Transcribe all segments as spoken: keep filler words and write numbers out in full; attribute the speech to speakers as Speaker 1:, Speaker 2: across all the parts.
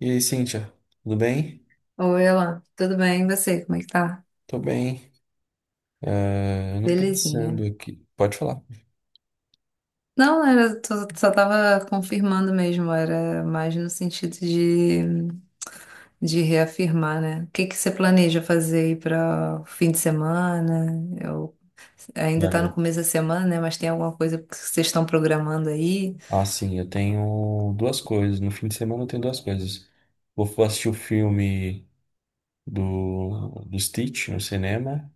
Speaker 1: E aí, Cíntia, tudo bem?
Speaker 2: Oi, Elan, tudo bem? E você, como é que tá?
Speaker 1: Tô bem. É, não
Speaker 2: Belezinha.
Speaker 1: pensando aqui. Pode falar.
Speaker 2: Não, era, tô- só tava confirmando mesmo, era mais no sentido de, de reafirmar, né? O que que você planeja fazer aí para o fim de semana? Eu, ainda tá no
Speaker 1: Olha,
Speaker 2: começo da semana, né? Mas tem alguma coisa que vocês estão programando aí?
Speaker 1: assim, eu tenho duas coisas. No fim de semana eu tenho duas coisas. Vou f- assistir o filme do, do Stitch no cinema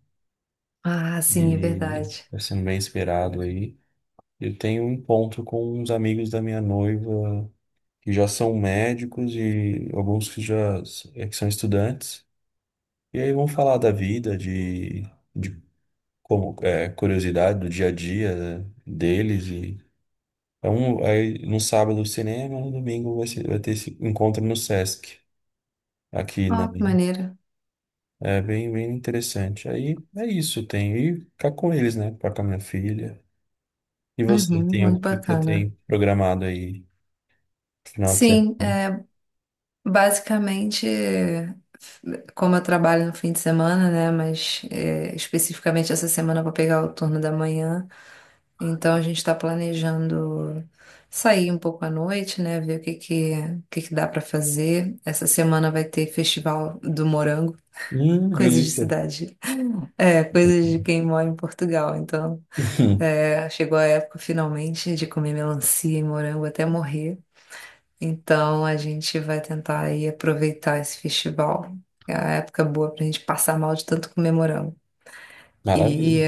Speaker 2: Ah, sim, é
Speaker 1: e
Speaker 2: verdade.
Speaker 1: tá sendo bem esperado aí. Eu tenho um encontro com uns amigos da minha noiva que já são médicos e alguns que já s- é que são estudantes. E aí vão falar da vida, de, de como é, curiosidade do dia a dia, né, deles. E é um, aí no sábado o cinema, no domingo vai ser, vai ter esse encontro no Sesc aqui na
Speaker 2: Ó, que maneiro.
Speaker 1: é bem bem interessante. Aí é isso, tenho e ficar com eles, né, ficar com a minha filha. E você,
Speaker 2: Uhum,
Speaker 1: tem o
Speaker 2: muito
Speaker 1: que que você
Speaker 2: bacana.
Speaker 1: tem programado aí pro final de
Speaker 2: Sim,
Speaker 1: semana?
Speaker 2: basicamente, como eu trabalho no fim de semana, né? Mas é, especificamente essa semana eu vou pegar o turno da manhã. Então a gente está planejando sair um pouco à noite, né? Ver o que que, o que que dá para fazer. Essa semana vai ter Festival do Morango.
Speaker 1: Hum,
Speaker 2: Coisas de
Speaker 1: delícia.
Speaker 2: cidade. É, coisas de quem mora em Portugal. Então, é, chegou a época finalmente de comer melancia e morango até morrer. Então a gente vai tentar aí aproveitar esse festival. É a época boa pra gente passar mal de tanto comer morango.
Speaker 1: Maravilha.
Speaker 2: E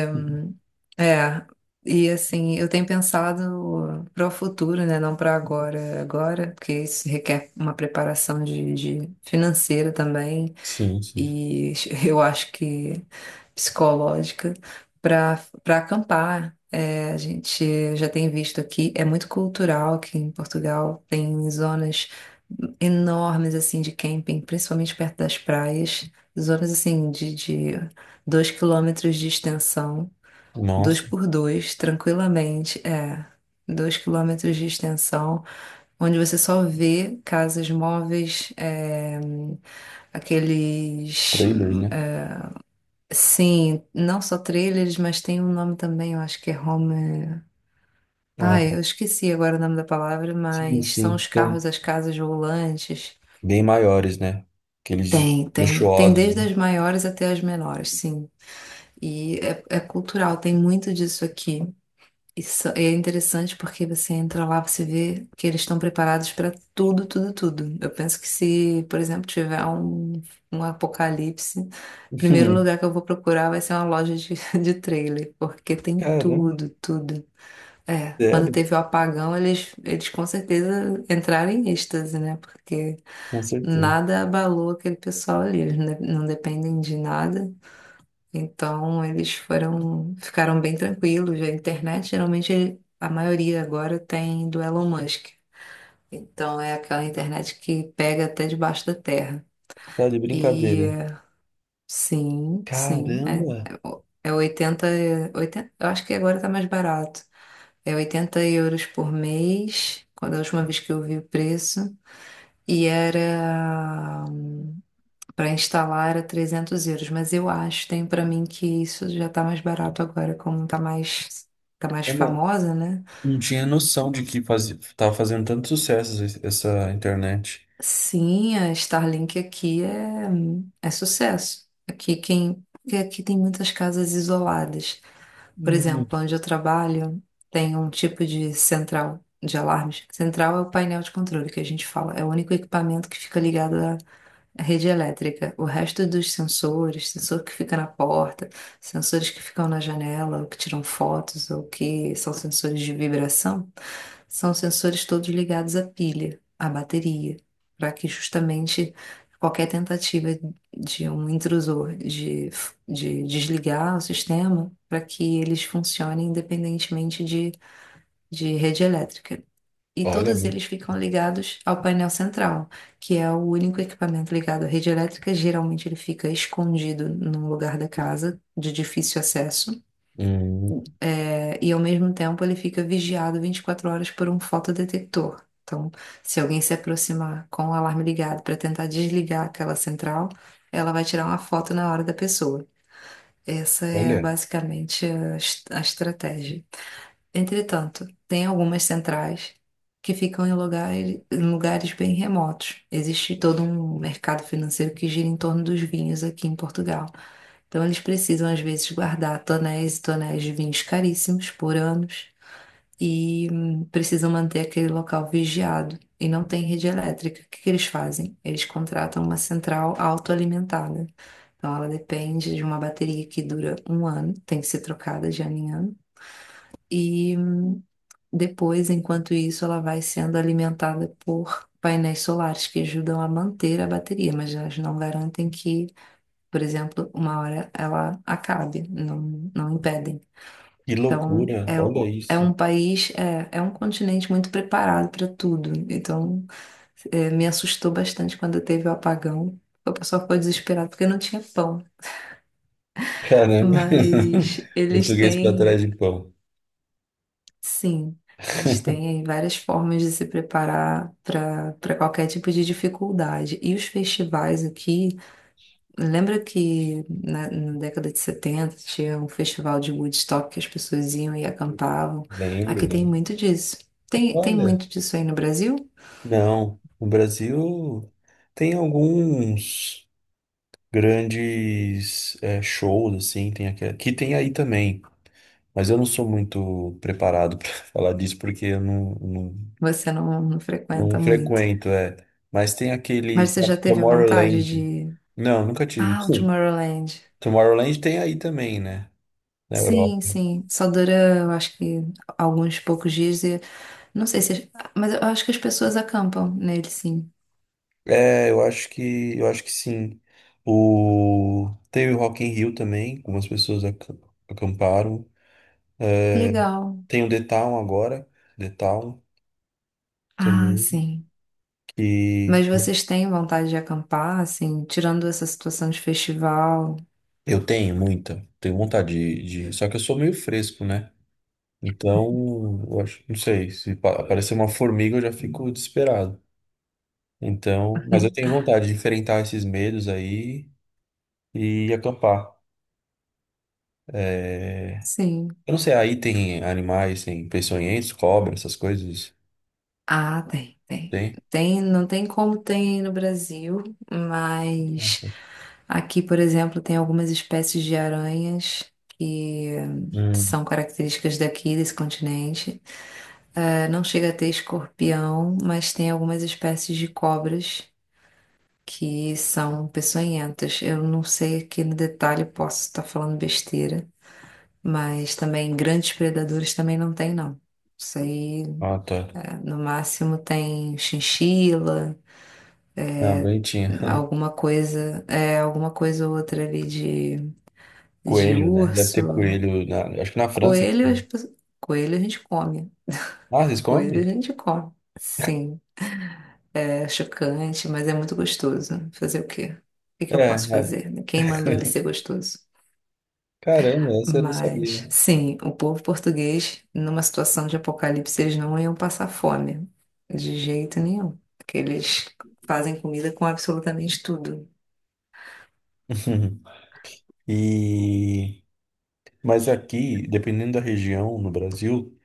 Speaker 2: é, e assim, eu tenho pensado para o futuro, né? Não para agora, agora, porque isso requer uma preparação de, de financeira também
Speaker 1: Sim, sim.
Speaker 2: e eu acho que psicológica para para acampar. É, a gente já tem visto aqui, é muito cultural aqui em Portugal, tem zonas enormes assim de camping, principalmente perto das praias, zonas assim de, de dois quilômetros de extensão, dois
Speaker 1: Nossa,
Speaker 2: por dois, tranquilamente, é. Dois quilômetros de extensão, onde você só vê casas móveis, é, aqueles.
Speaker 1: trailers, né?
Speaker 2: Sim, não só trailers, mas tem um nome também, eu acho que é home.
Speaker 1: Ah,
Speaker 2: Ai, eu esqueci agora o nome da palavra,
Speaker 1: sim,
Speaker 2: mas são
Speaker 1: sim.
Speaker 2: os
Speaker 1: São
Speaker 2: carros, as casas volantes.
Speaker 1: bem maiores, né? Aqueles
Speaker 2: Tem, tem. Tem
Speaker 1: luxuosos,
Speaker 2: desde
Speaker 1: né?
Speaker 2: as maiores até as menores, sim. E é, é cultural, tem muito disso aqui. Isso é interessante porque você entra lá, você vê que eles estão preparados para tudo, tudo, tudo. Eu penso que se, por exemplo, tiver um, um apocalipse, o primeiro lugar que eu vou procurar vai ser uma loja de, de trailer, porque tem
Speaker 1: Caramba,
Speaker 2: tudo, tudo. É, quando
Speaker 1: sério,
Speaker 2: teve o apagão, eles, eles com certeza entraram em êxtase, né? Porque
Speaker 1: com certeza.
Speaker 2: nada abalou aquele pessoal ali, eles não não dependem de nada. Então eles foram, ficaram bem tranquilos. A internet, geralmente, a maioria agora tem do Elon Musk. Então é aquela internet que pega até debaixo da terra.
Speaker 1: Tá de
Speaker 2: E
Speaker 1: brincadeira.
Speaker 2: sim, sim, é,
Speaker 1: Caramba,
Speaker 2: é oitenta oitenta eu acho que agora tá mais barato. É oitenta euros por mês, quando a última vez que eu vi o preço. E era. Para instalar era trezentos euros, mas eu acho, tenho para mim que isso já tá mais barato agora, como tá mais, tá mais
Speaker 1: eu não,
Speaker 2: famosa, né?
Speaker 1: não tinha noção de que fazia, tava fazendo tanto sucesso esse- essa internet.
Speaker 2: Sim, a Starlink aqui é, é sucesso. Aqui quem, porque aqui tem muitas casas isoladas. Por
Speaker 1: Hum.
Speaker 2: exemplo, onde eu trabalho, tem um tipo de central de alarmes. Central é o painel de controle que a gente fala, é o único equipamento que fica ligado. A rede elétrica, o resto dos sensores, sensor que fica na porta, sensores que ficam na janela, ou que tiram fotos, ou que são sensores de vibração, são sensores todos ligados à pilha, à bateria, para que justamente qualquer tentativa de um intrusor de, de desligar o sistema, para que eles funcionem independentemente de, de rede elétrica e
Speaker 1: Olha,
Speaker 2: todos
Speaker 1: mu-
Speaker 2: eles ficam ligados ao painel central, que é o único equipamento ligado à rede elétrica. Geralmente ele fica escondido num lugar da casa, de difícil acesso,
Speaker 1: hum,
Speaker 2: é, e ao mesmo tempo ele fica vigiado vinte e quatro horas por um fotodetector. Então, se alguém se aproximar com o alarme ligado para tentar desligar aquela central, ela vai tirar uma foto na hora da pessoa. Essa é
Speaker 1: olha,
Speaker 2: basicamente a, es- a estratégia. Entretanto, tem algumas centrais que ficam em lugares, em lugares bem remotos. Existe todo um mercado financeiro que gira em torno dos vinhos aqui em Portugal. Então, eles precisam, às vezes, guardar tonéis e tonéis de vinhos caríssimos por anos e hum, precisam manter aquele local vigiado. E não tem rede elétrica. O que que eles fazem? Eles contratam uma central autoalimentada. Então, ela depende de uma bateria que dura um ano, tem que ser trocada de ano em ano. E. hum, Depois, enquanto isso, ela vai sendo alimentada por painéis solares que ajudam a manter a bateria, mas elas não garantem que, por exemplo, uma hora ela acabe, não, não impedem.
Speaker 1: que
Speaker 2: Então,
Speaker 1: loucura,
Speaker 2: é,
Speaker 1: olha
Speaker 2: o- é
Speaker 1: isso.
Speaker 2: um país, é, é um continente muito preparado para tudo. Então, é, me assustou bastante quando teve o apagão. O pessoal ficou desesperado porque não tinha pão.
Speaker 1: Caramba,
Speaker 2: Mas eles
Speaker 1: português pra trás
Speaker 2: têm.
Speaker 1: de pão.
Speaker 2: Sim, eles têm aí várias formas de se preparar para para qualquer tipo de dificuldade. E os festivais aqui, lembra que na, na década de setenta tinha um festival de Woodstock que as pessoas iam e acampavam?
Speaker 1: Lembro,
Speaker 2: Aqui tem
Speaker 1: lembro.
Speaker 2: muito disso. Tem, tem
Speaker 1: Olha,
Speaker 2: muito disso aí no Brasil?
Speaker 1: não, no Brasil tem alguns grandes é shows, assim, tem aqui, que tem aí também. Mas eu não sou muito preparado para falar disso porque eu não, não,
Speaker 2: Você não, não
Speaker 1: não
Speaker 2: frequenta muito.
Speaker 1: frequento, é. Mas tem
Speaker 2: Mas
Speaker 1: aquele
Speaker 2: você já teve vontade
Speaker 1: Tomorrowland.
Speaker 2: de.
Speaker 1: Não, nunca tive.
Speaker 2: Ah, o
Speaker 1: Sim.
Speaker 2: Tomorrowland.
Speaker 1: Tomorrowland tem aí também, né? Na
Speaker 2: Sim,
Speaker 1: Europa.
Speaker 2: sim. Só dura, eu acho que alguns poucos dias. E... Não sei se. Mas eu acho que as pessoas acampam nele, sim.
Speaker 1: É, eu acho que eu acho que sim. O teve o Rock in Rio também, algumas pessoas ac- acamparam.
Speaker 2: Legal.
Speaker 1: Tem o The Town agora, The Town
Speaker 2: Ah,
Speaker 1: também,
Speaker 2: sim.
Speaker 1: que
Speaker 2: Mas vocês têm vontade de acampar, assim, tirando essa situação de festival?
Speaker 1: eu tenho muita, tenho vontade de, de- Só que eu sou meio fresco, né? Então, eu acho, não sei, se pa- aparecer uma formiga eu já fico desesperado. Então, mas eu tenho vontade de enfrentar esses medos aí e acampar. É,
Speaker 2: Sim.
Speaker 1: eu não sei, aí tem animais, tem peçonhentos, cobra, essas coisas?
Speaker 2: Ah, tem, tem.
Speaker 1: Tem?
Speaker 2: Tem, não tem como tem no Brasil, mas aqui, por exemplo, tem algumas espécies de aranhas que
Speaker 1: Hum.
Speaker 2: são características daqui, desse continente. Não chega a ter escorpião, mas tem algumas espécies de cobras que são peçonhentas. Eu não sei aqui no detalhe, posso estar falando besteira, mas também grandes predadores também não tem, não. Isso aí,
Speaker 1: Ah, tá.
Speaker 2: eh, no máximo tem chinchila,
Speaker 1: Ah, bem tinha.
Speaker 2: alguma coisa, é, alguma coisa ou outra ali de, de
Speaker 1: Coelho, né? Deve ter
Speaker 2: urso.
Speaker 1: coelho, na- acho que na França.
Speaker 2: Coelho, as pe- coelho a gente come.
Speaker 1: Ah, vocês
Speaker 2: Coelho a
Speaker 1: comem?
Speaker 2: gente come. Sim. É chocante, mas é muito gostoso. Fazer o quê? O que
Speaker 1: É,
Speaker 2: que eu posso
Speaker 1: é.
Speaker 2: fazer? Né? Quem mandou ele ser gostoso?
Speaker 1: Caramba, essa eu não
Speaker 2: Mas,
Speaker 1: sabia.
Speaker 2: sim, o povo português, numa situação de apocalipse, eles não iam passar fome, de jeito nenhum. Porque eles fazem comida com absolutamente tudo.
Speaker 1: E mas aqui, dependendo da região no Brasil,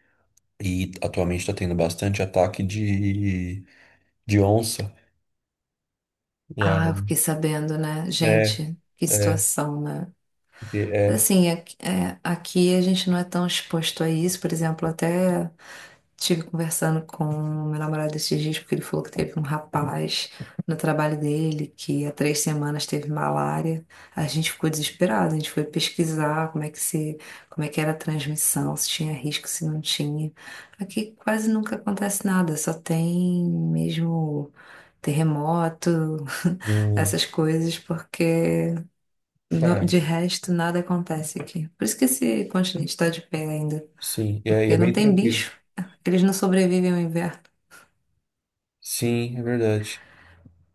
Speaker 1: e atualmente está tendo bastante ataque de, de onça. Já
Speaker 2: Ah, eu fiquei sabendo, né?
Speaker 1: é,
Speaker 2: Gente, que
Speaker 1: é,
Speaker 2: situação, né?
Speaker 1: porque
Speaker 2: Mas,
Speaker 1: é
Speaker 2: assim, aqui, é, aqui a gente não é tão exposto a isso, por exemplo, até. Estive conversando com o meu namorado esses dias, porque ele falou que teve um rapaz no trabalho dele que há três semanas teve malária. A gente ficou desesperado, a gente foi pesquisar como é que se, como é que era a transmissão, se tinha risco, se não tinha. Aqui quase nunca acontece nada, só tem mesmo terremoto,
Speaker 1: um,
Speaker 2: essas coisas, porque no-
Speaker 1: ah,
Speaker 2: de resto nada acontece aqui. Por isso que esse continente está de pé ainda
Speaker 1: sim, e aí é
Speaker 2: porque não
Speaker 1: bem
Speaker 2: tem
Speaker 1: tranquilo.
Speaker 2: bicho. Eles não sobrevivem ao inverno.
Speaker 1: Sim, é verdade,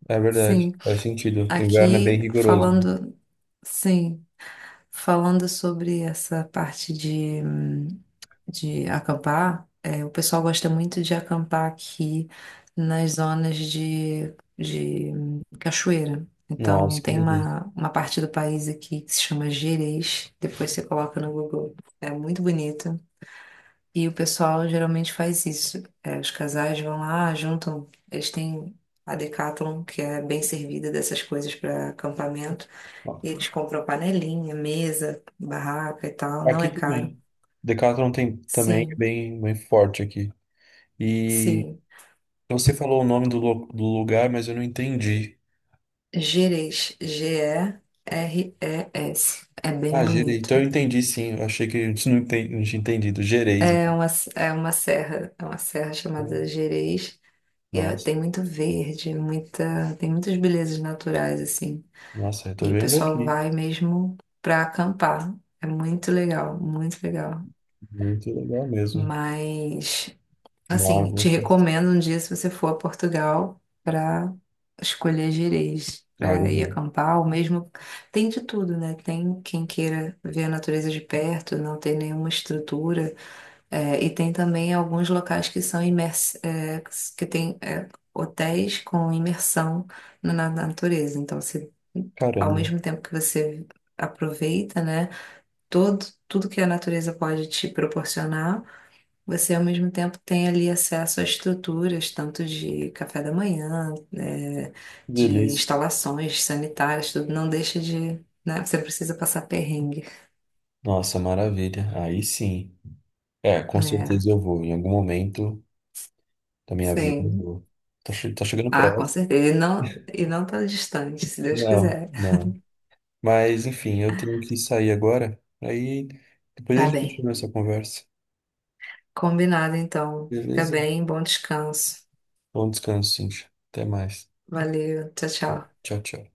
Speaker 1: é
Speaker 2: Sim,
Speaker 1: verdade, faz sentido. O inverno é bem
Speaker 2: aqui
Speaker 1: rigoroso, né?
Speaker 2: falando, sim, falando sobre essa parte de, hum, de acampar, é, o pessoal gosta muito de acampar aqui nas zonas de, de hum, cachoeira. Então,
Speaker 1: Nossa, que
Speaker 2: tem
Speaker 1: delícia.
Speaker 2: uma, uma parte do país aqui que se chama Gerês, depois você coloca no Google. É muito bonito. E o pessoal geralmente faz isso. É, os casais vão lá, juntam, eles têm a Decathlon, que é bem servida dessas coisas para acampamento.
Speaker 1: Ó,
Speaker 2: E eles compram panelinha, mesa, barraca e tal, não
Speaker 1: aqui
Speaker 2: é caro.
Speaker 1: também. Decathlon tem também, é
Speaker 2: Sim,
Speaker 1: bem, bem forte aqui. E
Speaker 2: sim.
Speaker 1: você falou o nome do, lo- do lugar, mas eu não entendi.
Speaker 2: Gerês, G E R E S. É bem
Speaker 1: Ah, Gerei.
Speaker 2: bonito.
Speaker 1: Então eu entendi, sim. Eu achei que a gente não, enten- não tinha entendido. Gereis.
Speaker 2: É uma, é uma serra, é uma serra chamada Gerês. E é-
Speaker 1: Nossa,
Speaker 2: tem muito verde, muita, tem muitas belezas naturais, assim.
Speaker 1: nossa, eu tô
Speaker 2: E o
Speaker 1: vendo
Speaker 2: pessoal
Speaker 1: aqui.
Speaker 2: vai mesmo para acampar. É muito legal, muito legal.
Speaker 1: Muito legal mesmo.
Speaker 2: Mas, assim, te
Speaker 1: Água.
Speaker 2: recomendo um dia se você for a Portugal para escolher gerês, para ir
Speaker 1: Água.
Speaker 2: acampar, ou mesmo tem de tudo, né? Tem quem queira ver a natureza de perto, não tem nenhuma estrutura, é, e tem também alguns locais que são imers é, que tem é, hotéis com imersão na na natureza. Então, se, ao
Speaker 1: Caramba,
Speaker 2: mesmo tempo que você aproveita, né, todo, tudo que a natureza pode te proporcionar, você ao mesmo tempo tem ali acesso a estruturas, tanto de café da manhã, é,
Speaker 1: que
Speaker 2: de
Speaker 1: delícia.
Speaker 2: instalações sanitárias, tudo não deixa de, né, você precisa passar perrengue.
Speaker 1: Nossa, maravilha. Aí sim. É, com
Speaker 2: É,
Speaker 1: certeza eu vou. Em algum momento da minha vida eu
Speaker 2: sim.
Speaker 1: vou. Tá, che- tá chegando
Speaker 2: Ah, com
Speaker 1: próximo.
Speaker 2: certeza. E não, e não tá distante, se Deus
Speaker 1: Não,
Speaker 2: quiser.
Speaker 1: não. Mas enfim, eu tenho que sair agora. Aí depois a
Speaker 2: Tá
Speaker 1: gente
Speaker 2: bem.
Speaker 1: continua essa conversa.
Speaker 2: Combinado, então. Fica
Speaker 1: Beleza?
Speaker 2: bem, bom descanso.
Speaker 1: Bom descanso, Cintia. Até mais.
Speaker 2: Valeu, tchau, tchau.
Speaker 1: Tchau, tchau.